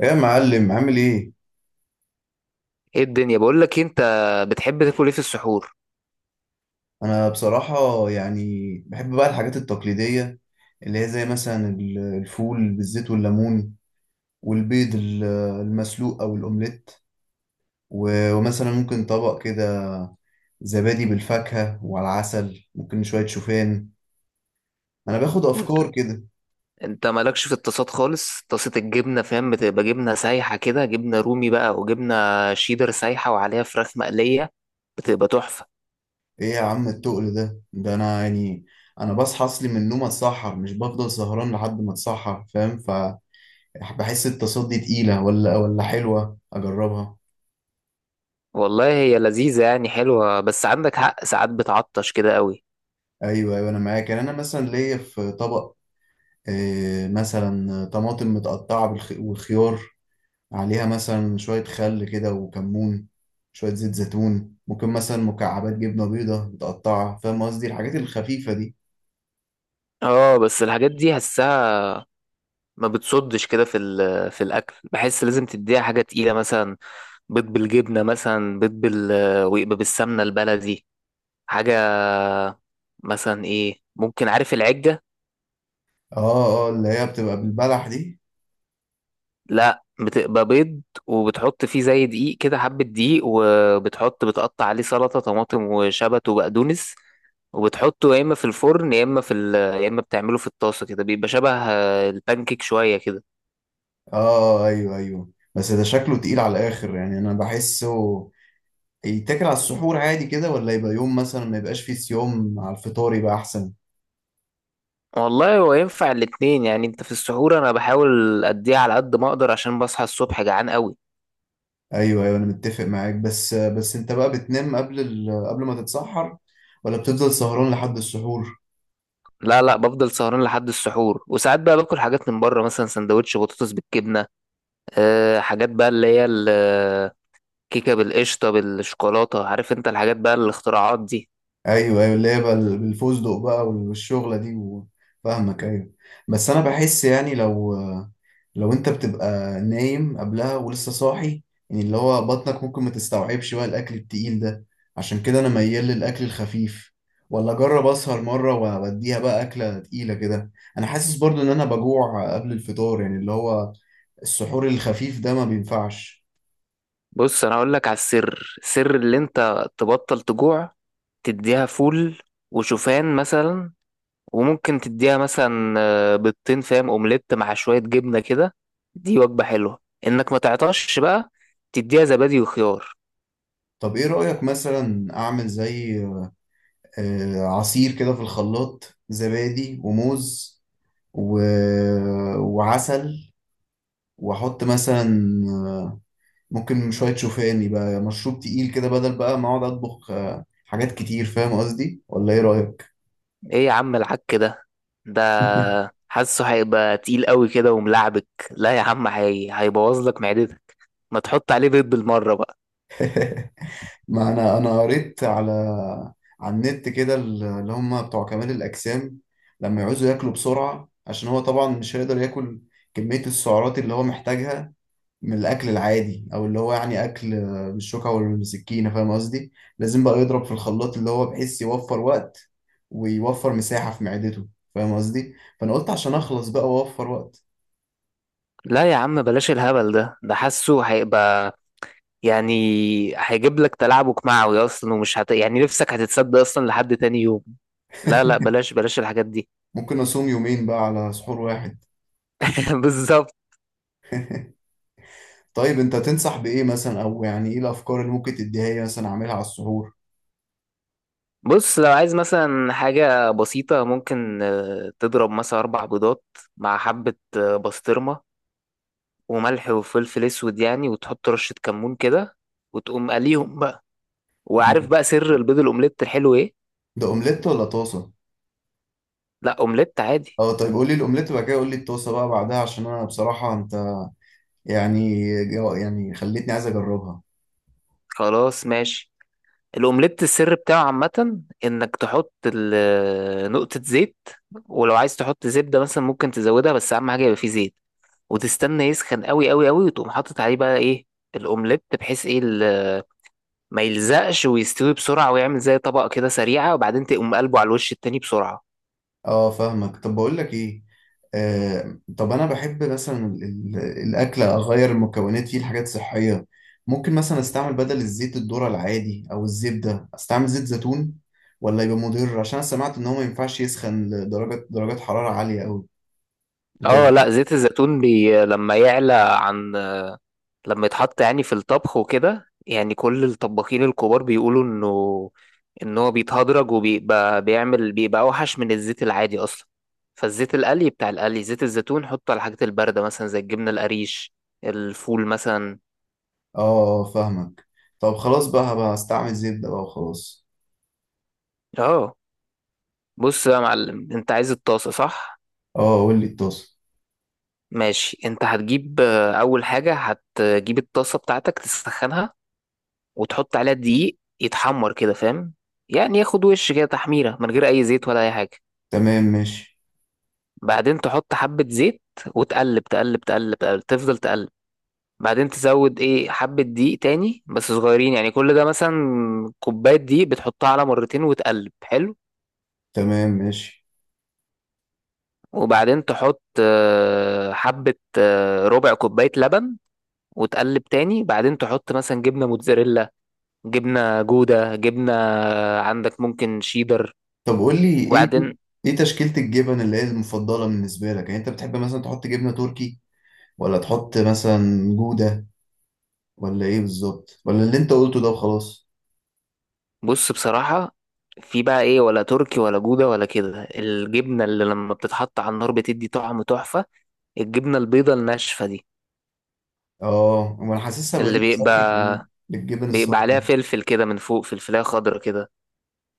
ايه يا معلم عامل ايه؟ ايه الدنيا، بقول لك إيه، انت بتحب تاكل ايه في السحور؟ انا بصراحة يعني بحب بقى الحاجات التقليدية اللي هي زي مثلا الفول بالزيت والليمون والبيض المسلوق او الاومليت، ومثلا ممكن طبق كده زبادي بالفاكهة وعلى العسل، ممكن شوية شوفان. انا باخد انت افكار كده. انت مالكش في الطاسات خالص. طاسه الجبنه فاهم، بتبقى جبنه سايحه كده، جبنه رومي بقى وجبنه شيدر سايحه وعليها فراخ مقليه، بتبقى تحفه. ايه يا عم التقل ده؟ انا يعني انا بصحى اصلي من النوم اتسحر، مش بفضل سهران لحد ما اتسحر فاهم؟ فبحس التصدي تقيلة، ولا حلوة اجربها. والله هي لذيذه يعني، حلوه، بس عندك حق ساعات بتعطش كده قوي. ايوه ايوه انا معاك. يعني انا مثلا ليا في طبق، مثلا طماطم متقطعه والخيار، عليها مثلا شويه خل كده وكمون، شويه زيت زيتون، ممكن مثلا مكعبات جبنه بيضه متقطعه. فاهم قصدي الحاجات الخفيفه دي. اه بس الحاجات دي حسها ما بتصدش كده في الاكل، بحس لازم تديها حاجه تقيله. مثلا بيض بالجبنه، مثلا بيض بال ويبقى بالسمنه البلدي. حاجة مثلا ايه، ممكن عارف العجة؟ اه اه، اللي هي بتبقى بالبلح دي. لا، بتبقى بيض وبتحط فيه زي دقيق كده، حبة دقيق، وبتحط بتقطع عليه سلطة طماطم وشبت وبقدونس. وبتحطه يا اما في الفرن يا اما يا اما بتعمله في الطاسة كده، بيبقى شبه البانكيك شوية كده. اه ايوه ايوه، بس ده شكله تقيل على الاخر، يعني انا بحسه يتاكل على السحور عادي كده، ولا يبقى يوم مثلا ما يبقاش فيه صيام، على الفطار يبقى احسن. والله هو ينفع الاتنين يعني. انت في السحور، انا بحاول اديها على قد ما اقدر عشان بصحى الصبح جعان قوي. ايوه ايوه انا متفق معاك، بس انت بقى بتنام قبل قبل ما تتسحر، ولا بتفضل سهران لحد السحور؟ لا، لا، بفضل سهران لحد السحور. وساعات بقى باكل حاجات من بره، مثلا سندوتش بطاطس بالجبنة، حاجات بقى اللي هي الكيكة بالقشطة بالشوكولاتة. عارف انت الحاجات بقى الاختراعات دي. ايوه ايوه، اللي هي بقى الفستق بقى والشغله دي فاهمك ايوه. بس انا بحس يعني لو انت بتبقى نايم قبلها ولسه صاحي، يعني اللي هو بطنك ممكن ما تستوعبش بقى الاكل التقيل ده. عشان كده انا ميال للاكل الخفيف، ولا اجرب اسهر مره واديها بقى اكله تقيله كده؟ انا حاسس برضو ان انا بجوع قبل الفطار، يعني اللي هو السحور الخفيف ده ما بينفعش. بص، انا اقول لك على السر اللي انت تبطل تجوع. تديها فول وشوفان مثلا، وممكن تديها مثلا بيضتين، فاهم، اومليت مع شوية جبنة كده. دي وجبة حلوة. انك ما تعطش بقى، تديها زبادي وخيار. طب ايه رأيك مثلا اعمل زي عصير كده في الخلاط، زبادي وموز و... وعسل، واحط مثلا ممكن شوية شوفان، يبقى مشروب تقيل كده بدل بقى ما اقعد اطبخ حاجات كتير. فاهم قصدي ولا ايه رأيك؟ ايه يا عم العك ده، حاسه هيبقى تقيل قوي كده وملعبك. لا يا عم، هيبوظ لك معدتك. ما تحط عليه بيض بالمرة بقى. ما انا قريت على النت كده، اللي هم بتوع كمال الاجسام لما يعوزوا ياكلوا بسرعه، عشان هو طبعا مش هيقدر ياكل كميه السعرات اللي هو محتاجها من الاكل العادي، او اللي هو يعني اكل بالشوكه والسكينه، فاهم قصدي؟ لازم بقى يضرب في الخلاط اللي هو بحيث يوفر وقت ويوفر مساحه في معدته، فاهم قصدي؟ فانا قلت عشان اخلص بقى واوفر وقت. لا يا عم بلاش الهبل ده، حاسه هيبقى يعني، هيجيب لك تلعبك معوي اصلا. ومش يعني نفسك هتتسد اصلا لحد تاني يوم. لا، لا، بلاش، بلاش الحاجات دي. ممكن اصوم يومين بقى على سحور واحد. بالظبط. طيب انت تنصح بايه مثلا، او يعني ايه الافكار اللي ممكن تديها لي مثلا اعملها على السحور؟ بص، لو عايز مثلا حاجة بسيطة، ممكن تضرب مثلا 4 بيضات مع حبة بسطرمة، وملح وفلفل أسود يعني، وتحط رشة كمون كده وتقوم قليهم بقى. وعارف بقى سر البيض الأومليت الحلو إيه؟ ده اومليت ولا طاسه؟ لا، أومليت عادي. اه طيب قول لي الاومليت وبعد كده قول لي الطاسه بقى بعدها، عشان انا بصراحه انت يعني يعني خليتني عايز اجربها. خلاص ماشي. الاومليت السر بتاعه عامة انك تحط نقطة زيت. ولو عايز تحط زبدة مثلا ممكن تزودها، بس اهم حاجة يبقى فيه زيت. وتستنى يسخن قوي قوي قوي وتقوم حاطط عليه بقى ايه، الاومليت، بحيث ايه ما يلزقش ويستوي بسرعة ويعمل زي طبقة كده سريعة. وبعدين تقوم قلبه على الوش التاني بسرعة. اه فاهمك. طب بقول لك ايه، طب انا بحب مثلا الاكل اغير المكونات فيه لحاجات صحيه. ممكن مثلا استعمل بدل الزيت الذره العادي او الزبده استعمل زيت زيتون، ولا يبقى مضر؟ عشان انا سمعت ان هو ما ينفعش يسخن لدرجه درجات حراره عاليه قوي. اه، انت؟ لا زيت الزيتون بي لما يعلى، عن، لما يتحط يعني في الطبخ وكده، يعني كل الطباخين الكبار بيقولوا ان هو بيتهدرج وبيبقى بيعمل بيبقى اوحش من الزيت العادي اصلا. فالزيت القلي بتاع القلي، زيت الزيتون حطه على الحاجات البارده مثلا زي الجبنه القريش، الفول مثلا. اه اه فاهمك. طب خلاص بقى هبقى استعمل زبدة بقى وخلاص. اه، بص بقى يا معلم، انت عايز الطاسه، صح؟ اه قول لي الطاسة. ماشي، انت هتجيب اول حاجه هتجيب الطاسه بتاعتك تسخنها، وتحط عليها دقيق يتحمر كده، فاهم، يعني ياخد وش كده تحميره من غير اي زيت ولا اي حاجه. تمام ماشي. بعدين تحط حبة زيت وتقلب تقلب تقلب تقلب تفضل تقلب. بعدين تزود ايه حبة دقيق تاني بس صغيرين يعني، كل ده مثلا كوباية دقيق بتحطها على مرتين وتقلب حلو. تمام ماشي. وبعدين تحط حبة ربع كوباية لبن وتقلب تاني. بعدين تحط مثلا جبنة موتزاريلا، جبنة جودة، جبنة عندك ممكن شيدر. طب قول لي ايه، وبعدين، ايه تشكيلة الجبن اللي هي المفضلة بالنسبة لك؟ يعني انت بتحب مثلا تحط جبنة تركي، ولا تحط مثلا جودة، ولا ايه بالظبط، ولا اللي انت قلته ده وخلاص؟ بص بصراحة، في بقى ايه، ولا تركي ولا جودة ولا كده، الجبنة اللي لما بتتحط على النار بتدي طعم تحفة، الجبنة البيضة الناشفة دي. اه انا حاسسها اللي بديل صحي كمان بيبقى للجبن بيبقى عليها الصفراء. فلفل كده من فوق، فلفلاية خضرا كده.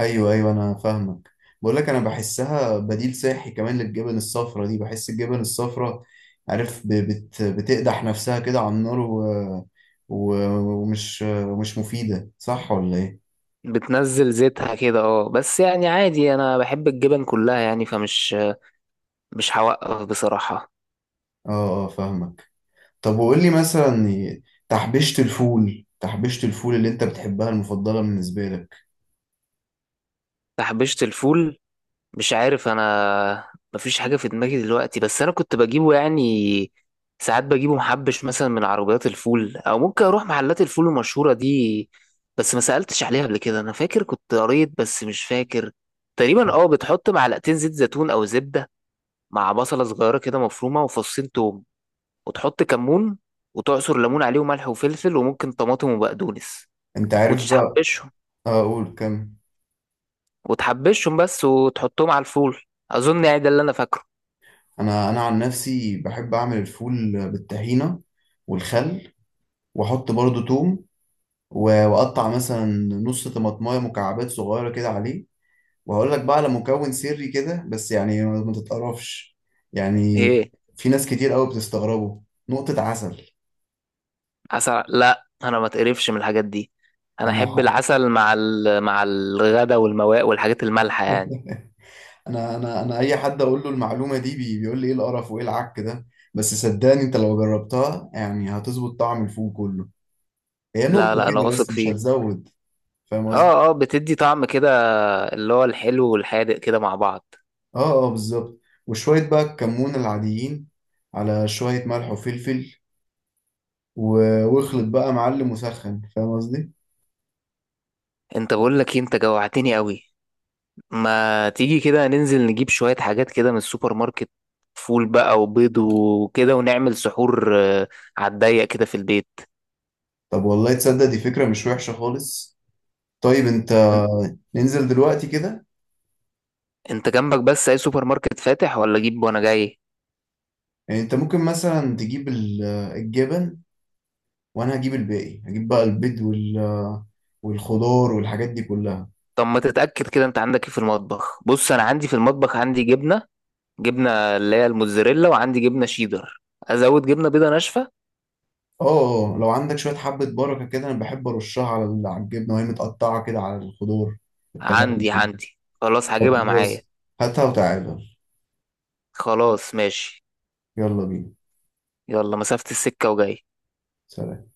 ايوه ايوه انا فاهمك. بقول لك انا بحسها بديل صحي كمان للجبن الصفرا دي. بحس الجبن الصفرا، عارف، ب- بت بتقدح نفسها كده على النار و... ومش مفيده، صح ولا ايه؟ بتنزل زيتها كده بس يعني عادي، انا بحب الجبن كلها يعني، فمش مش هوقف بصراحة. اه اه فاهمك. طب وقول لي مثلا تحبيشة الفول، اللي انت بتحبها المفضله بالنسبه لك؟ تحبيشة الفول، مش عارف انا، مفيش حاجه في دماغي دلوقتي. بس انا كنت بجيبه يعني، ساعات بجيبه محبش، مثلا من عربيات الفول او ممكن اروح محلات الفول المشهوره دي. بس ما سالتش عليها قبل كده. انا فاكر كنت قريت بس مش فاكر. تقريبا بتحط معلقتين زيت زيتون او زبده، مع بصله صغيره كده مفرومه وفصين توم، وتحط كمون وتعصر ليمون عليه وملح وفلفل وممكن طماطم وبقدونس. انت عارف بقى. وتحبشهم اه قول كم. وتحبشهم بس وتحطهم على الفول. اظن يعني ده اللي انا فاكره. انا عن نفسي بحب اعمل الفول بالطحينه والخل، واحط برضو توم، واقطع مثلا نص طماطمايه مكعبات صغيره كده عليه. وهقول لك بقى على مكون سري كده، بس يعني ما تتقرفش يعني، ايه؟ في ناس كتير قوي بتستغربه: نقطة عسل. عسل؟ لا، انا ما تقرفش من الحاجات دي، انا انا احب ح- العسل مع مع الغدا والمواء والحاجات المالحه يعني. انا اي حد اقول له المعلومه دي بيقول لي ايه القرف وايه العك ده، بس صدقني انت لو جربتها يعني هتظبط طعم الفول كله. هي نقطة لا، لا، انا كده بس، واثق مش فيك. هتزود فاهم قصدي؟ اه، اه، بتدي طعم كده اللي هو الحلو والحادق كده مع بعض. اه اه بالظبط. وشوية بقى الكمون العاديين على شوية ملح وفلفل، واخلط بقى معلم وسخن، فاهم قصدي؟ انت، بقول لك إيه، انت جوعتني قوي. ما تيجي كده ننزل نجيب شويه حاجات كده من السوبر ماركت، فول بقى وبيض وكده، ونعمل سحور على الضيق كده في البيت. طب والله تصدق دي فكرة مش وحشة خالص. طيب انت، إن- ننزل دلوقتي كده؟ انت جنبك بس اي سوبر ماركت فاتح، ولا اجيب وانا جاي؟ يعني انت ممكن مثلا تجيب الجبن، وانا هجيب الباقي، هجيب بقى البيض والخضار والحاجات دي كلها. طب، ما تتأكد كده انت عندك ايه في المطبخ. بص انا عندي في المطبخ، عندي جبنة اللي هي الموتزاريلا، وعندي جبنة شيدر، ازود جبنة بيضة ناشفة. اه اه اه، لو عندك شوية حبة بركة كده انا بحب ارشها على على الجبنة وهي متقطعة كده، على الخضار، عندي الطماطم. عندي خلاص طب هجيبها معايا. خلاص، هاتها وتعالى. خلاص، ماشي. يلا بينا. يلا مسافة السكة وجاي. سلام.